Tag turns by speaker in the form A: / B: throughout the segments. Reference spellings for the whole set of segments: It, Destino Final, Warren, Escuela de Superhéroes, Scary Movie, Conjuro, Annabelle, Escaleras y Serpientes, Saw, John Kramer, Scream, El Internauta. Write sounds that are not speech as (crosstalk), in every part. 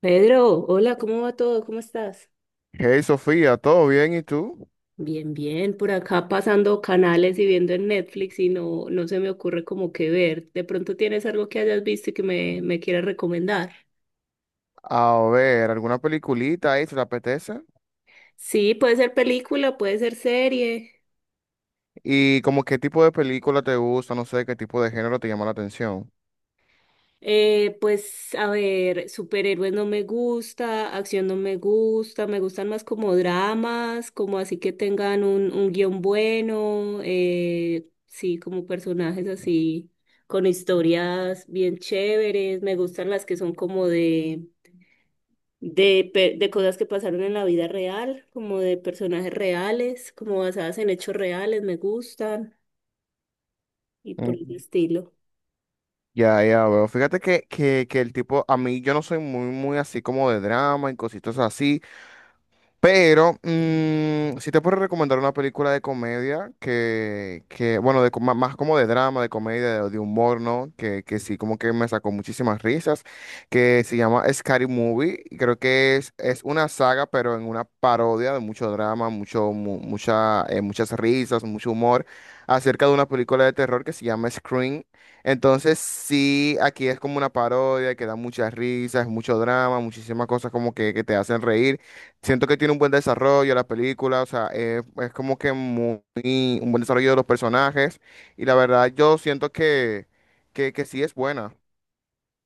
A: Pedro, hola, ¿cómo va todo? ¿Cómo estás?
B: Hey Sofía, ¿todo bien? ¿Y tú?
A: Bien, bien, por acá pasando canales y viendo en Netflix y no, no se me ocurre como qué ver. ¿De pronto tienes algo que hayas visto y que me quieras recomendar?
B: A ver, ¿alguna peliculita ahí se te apetece?
A: Sí, puede ser película, puede ser serie.
B: ¿Y como qué tipo de película te gusta? No sé, ¿qué tipo de género te llama la atención?
A: Pues a ver, superhéroes no me gusta, acción no me gusta, me gustan más como dramas, como así que tengan un guión bueno, sí, como personajes así, con historias bien chéveres, me gustan las que son como de cosas que pasaron en la vida real, como de personajes reales, como basadas en hechos reales, me gustan y por el
B: Mm.
A: estilo.
B: Ya, ya veo. Fíjate que el tipo, a mí yo no soy muy, muy así como de drama y cositas así. Pero, si te puedo recomendar una película de comedia que bueno, más como de drama, de comedia, de humor, ¿no? Que sí, como que me sacó muchísimas risas, que se llama Scary Movie. Creo que es una saga, pero en una parodia de mucho drama, mucha, muchas risas, mucho humor, acerca de una película de terror que se llama Scream. Entonces, sí, aquí es como una parodia que da muchas risas, mucho drama, muchísimas cosas como que te hacen reír. Siento que tiene un buen desarrollo la película, o sea, es como que muy, un buen desarrollo de los personajes y la verdad yo siento que, que sí es buena.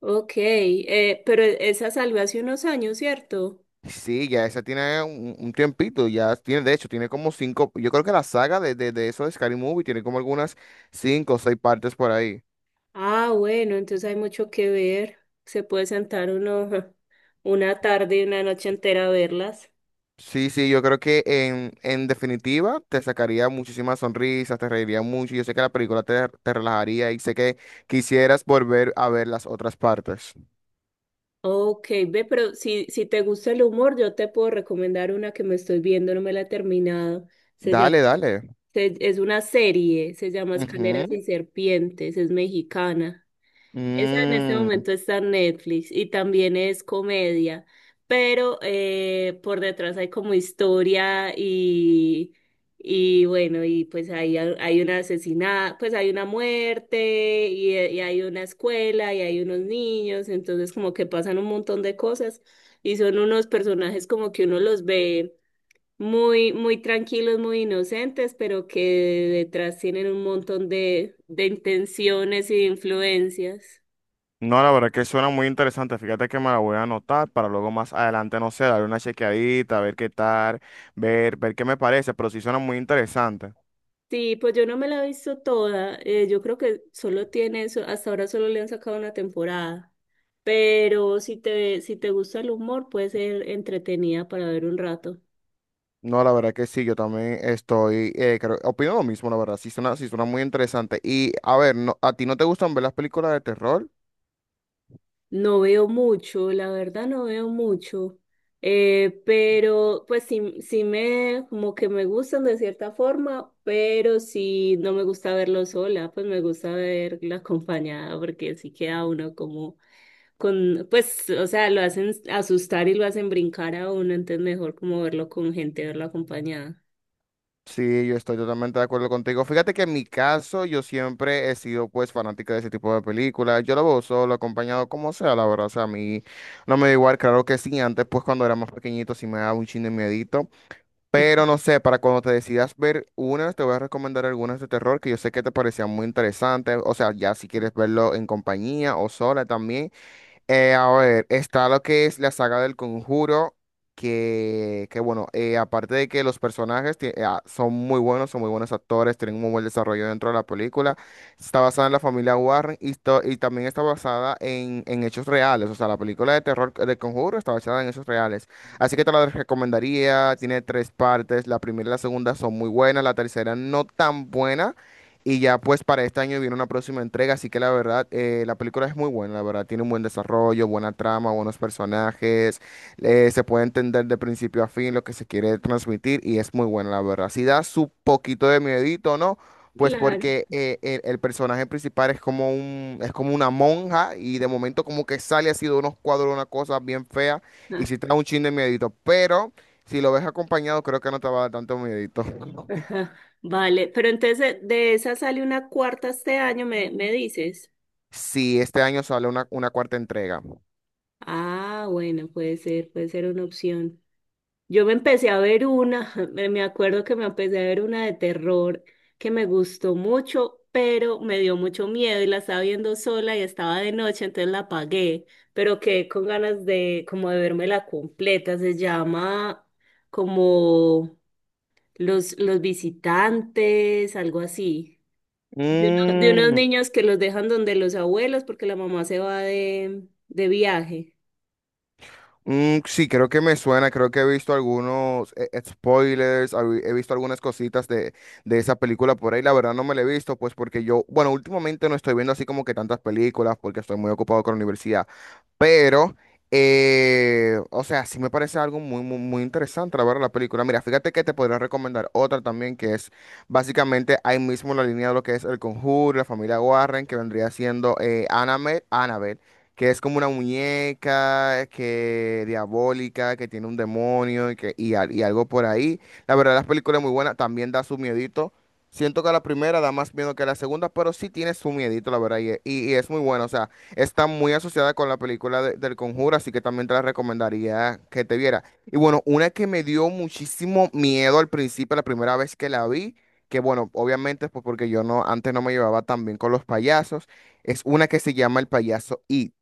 A: Ok, pero esa salió hace unos años, ¿cierto?
B: Sí, ya esa tiene un tiempito, ya tiene, de hecho, tiene como cinco, yo creo que la saga de eso de Scary Movie tiene como algunas cinco o seis partes por ahí.
A: Ah, bueno, entonces hay mucho que ver. Se puede sentar uno (laughs) una tarde y una noche entera a verlas.
B: Sí, sí, yo creo que en definitiva te sacaría muchísimas sonrisas, te reiría mucho, yo sé que la película te, te relajaría y sé que quisieras volver a ver las otras partes.
A: Ok, ve, pero si te gusta el humor, yo te puedo recomendar una que me estoy viendo, no me la he terminado. Se llama,
B: Dale, dale.
A: es una serie, se llama Escaleras
B: Ujú.
A: y Serpientes, es mexicana. Esa en este
B: Mm.
A: momento está en Netflix y también es comedia, pero por detrás hay como historia y bueno, y pues hay una asesinada, pues hay una muerte y hay una escuela y hay unos niños, entonces como que pasan un montón de cosas y son unos personajes como que uno los ve muy, muy tranquilos, muy inocentes, pero que detrás tienen un montón de intenciones y de influencias.
B: No, la verdad que suena muy interesante. Fíjate que me la voy a anotar para luego más adelante, no sé, darle una chequeadita, ver qué tal, ver, ver qué me parece, pero sí suena muy interesante.
A: Sí, pues yo no me la he visto toda. Yo creo que solo tiene eso. Hasta ahora solo le han sacado una temporada. Pero si te gusta el humor, puede ser entretenida para ver un rato.
B: No, la verdad que sí, yo también estoy, opino lo mismo, la verdad, sí suena muy interesante. Y a ver, no, ¿a ti no te gustan ver las películas de terror?
A: No veo mucho, la verdad no veo mucho. Pero pues sí, como que me gustan de cierta forma, pero sí no me gusta verlo sola, pues me gusta verla (laughs) acompañada porque sí queda uno como con, pues, o sea, lo hacen asustar y lo hacen brincar a uno, entonces mejor como verlo con gente, verlo acompañada.
B: Sí, yo estoy totalmente de acuerdo contigo. Fíjate que en mi caso yo siempre he sido pues fanática de ese tipo de películas. Yo lo veo solo, acompañado, como sea, la verdad. O sea, a mí no me da igual, claro que sí. Antes pues cuando era más pequeñito sí me daba un chin de miedito. Pero no sé, para cuando te decidas ver unas, te voy a recomendar algunas de terror que yo sé que te parecían muy interesantes. O sea, ya si quieres verlo en compañía o sola también. A ver, está lo que es la saga del Conjuro, que bueno, aparte de que los personajes son muy buenos actores, tienen un muy buen desarrollo dentro de la película, está basada en la familia Warren y también está basada en hechos reales, o sea, la película de terror del Conjuro está basada en hechos reales, así que te la recomendaría, tiene tres partes, la primera y la segunda son muy buenas, la tercera no tan buena. Y ya pues para este año viene una próxima entrega, así que la verdad, la película es muy buena, la verdad, tiene un buen desarrollo, buena trama, buenos personajes, se puede entender de principio a fin lo que se quiere transmitir y es muy buena, la verdad. Si da su poquito de miedito, ¿no? Pues
A: Claro.
B: porque el personaje principal es como un, es como una monja y de momento como que sale así de unos cuadros, una cosa bien fea y
A: Ah,
B: si te da un chin de miedito, pero si lo ves acompañado creo que no te va a dar tanto miedito.
A: (laughs) ajá. Vale, pero entonces de esa sale una cuarta este año, me dices.
B: Si este año sale una cuarta entrega.
A: Ah, bueno, puede ser una opción. Yo me empecé a ver una, (laughs) me acuerdo que me empecé a ver una de terror que me gustó mucho, pero me dio mucho miedo y la estaba viendo sola y estaba de noche, entonces la apagué, pero quedé con ganas de como de la completa. Se llama como los visitantes, algo así. De unos
B: Mm,
A: niños que los dejan donde los abuelos porque la mamá se va de viaje.
B: mm, sí, creo que me suena, creo que he visto algunos spoilers, he visto algunas cositas de esa película por ahí, la verdad no me la he visto, pues porque yo, bueno, últimamente no estoy viendo así como que tantas películas porque estoy muy ocupado con la universidad, pero, o sea, sí me parece algo muy, muy, muy interesante la verdad la película. Mira, fíjate que te podría recomendar otra también que es básicamente ahí mismo en la línea de lo que es El Conjuro, la familia Warren, que vendría siendo Annabelle, que es como una muñeca, que diabólica, que tiene un demonio y algo por ahí. La verdad, la película es muy buena, también da su miedito. Siento que la primera da más miedo que la segunda, pero sí tiene su miedito, la verdad, y es muy buena. O sea, está muy asociada con la película del Conjuro, así que también te la recomendaría que te viera. Y bueno, una que me dio muchísimo miedo al principio, la primera vez que la vi, que bueno, obviamente pues porque yo no, antes no me llevaba tan bien con los payasos. Es una que se llama El payaso It.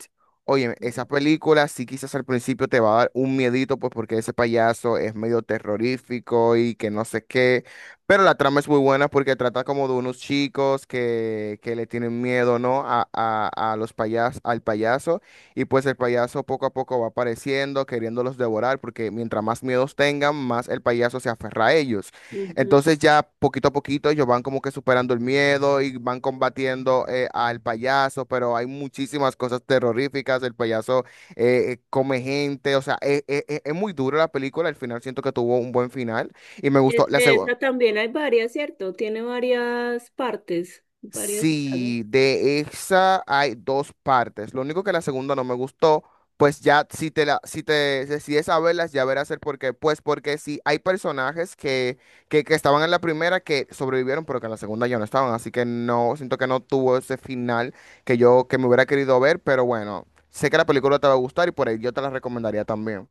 B: Oye, esa película sí quizás al principio te va a dar un miedito, pues porque ese payaso es medio terrorífico y que no sé qué, pero la trama es muy buena porque trata como de unos chicos que le tienen miedo, ¿no? A los payas, al payaso y pues el payaso poco a poco va apareciendo, queriéndolos devorar porque mientras más miedos tengan, más el payaso se aferra a ellos. Entonces ya poquito a poquito ellos van como que superando el miedo y van combatiendo al payaso, pero hay muchísimas cosas terroríficas, el payaso come gente, o sea, es muy dura la película, al final siento que tuvo un buen final y me gustó.
A: De esa también hay varias, ¿cierto? Tiene varias partes, varias sagas.
B: Sí, de esa hay dos partes. Lo único que la segunda no me gustó, pues ya si te la, si te decides a verlas, ya verás el por qué. Pues porque sí, hay personajes que, que estaban en la primera que sobrevivieron, pero que en la segunda ya no estaban. Así que no, siento que no tuvo ese final que yo, que me hubiera querido ver, pero bueno, sé que la película te va a gustar y por ahí yo te la recomendaría también.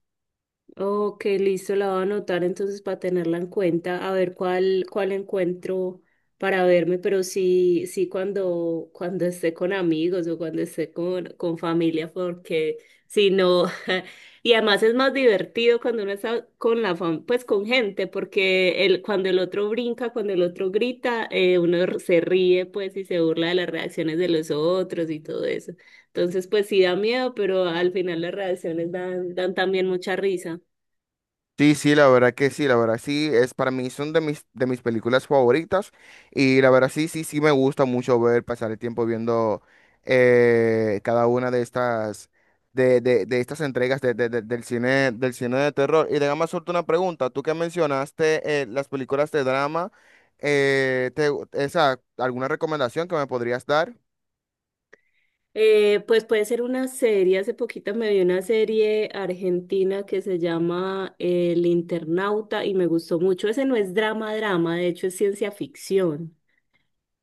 A: Ok, listo, la voy a anotar entonces para tenerla en cuenta, a ver cuál encuentro para verme, pero sí, sí cuando esté con amigos o cuando esté con familia, porque si no, (laughs) y además es más divertido cuando uno está con la fam- pues con gente, porque el, cuando el otro brinca, cuando el otro grita, uno r- se ríe pues y se burla de las reacciones de los otros y todo eso. Entonces, pues sí da miedo, pero al final las reacciones dan, dan también mucha risa.
B: Sí, sí, la verdad que sí, la verdad sí, es para mí son de mis películas favoritas y la verdad sí, sí, sí me gusta mucho ver pasar el tiempo viendo cada una de estas, de estas entregas del cine de terror. Y déjame hacerte una pregunta, tú que mencionaste las películas de drama, ¿alguna recomendación que me podrías dar?
A: Pues puede ser una serie. Hace poquito me vi una serie argentina que se llama El Internauta y me gustó mucho. Ese no es drama, drama, de hecho es ciencia ficción.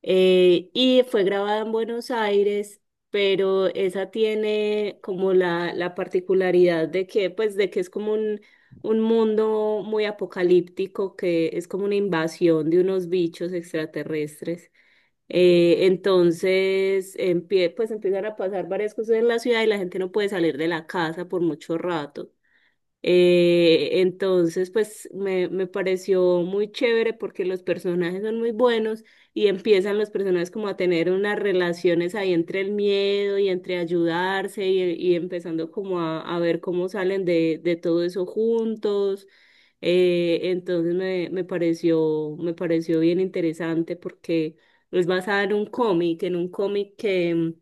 A: Y fue grabada en Buenos Aires, pero esa tiene como la particularidad de que, pues, de que es como un mundo muy apocalíptico, que es como una invasión de unos bichos extraterrestres. Entonces, empie- pues empiezan a pasar varias cosas en la ciudad y la gente no puede salir de la casa por mucho rato. Entonces, pues me pareció muy chévere porque los personajes son muy buenos y empiezan los personajes como a tener unas relaciones ahí entre el miedo y entre ayudarse y empezando como a ver cómo salen de todo eso juntos. Entonces me pareció bien interesante porque es basada en un cómic que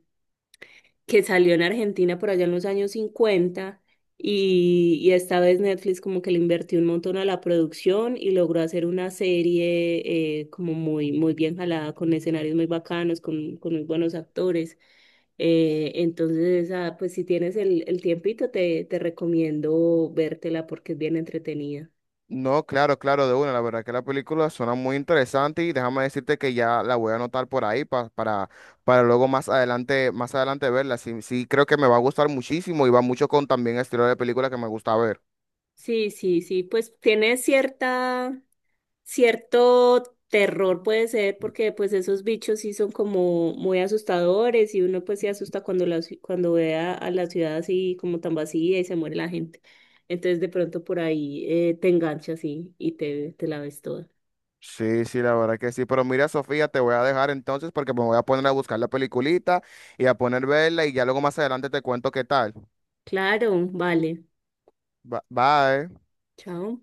A: que salió en Argentina por allá en los años 50 y esta vez Netflix como que le invirtió un montón a la producción y logró hacer una serie como muy, muy bien jalada, con escenarios muy bacanos, con muy buenos actores. Entonces, ah, pues si tienes el tiempito, te recomiendo vértela porque es bien entretenida.
B: No, claro, claro, de una. La verdad que la película suena muy interesante y déjame decirte que ya la voy a anotar por ahí para luego más adelante verla. Sí, sí, creo que me va a gustar muchísimo y va mucho con también el estilo de película que me gusta ver.
A: Sí, sí, sí, pues tiene cierta, cierto terror puede ser, porque pues esos bichos sí son como muy asustadores y uno pues se asusta cuando la, ci- cuando ve a la ciudad así como tan vacía y se muere la gente. Entonces de pronto por ahí te enganchas y te la ves toda.
B: Sí, sí, la verdad que sí. Pero mira, Sofía, te voy a dejar entonces porque me voy a poner a buscar la peliculita y a poner verla y ya luego más adelante te cuento qué tal.
A: Claro, vale.
B: Bye.
A: Chao.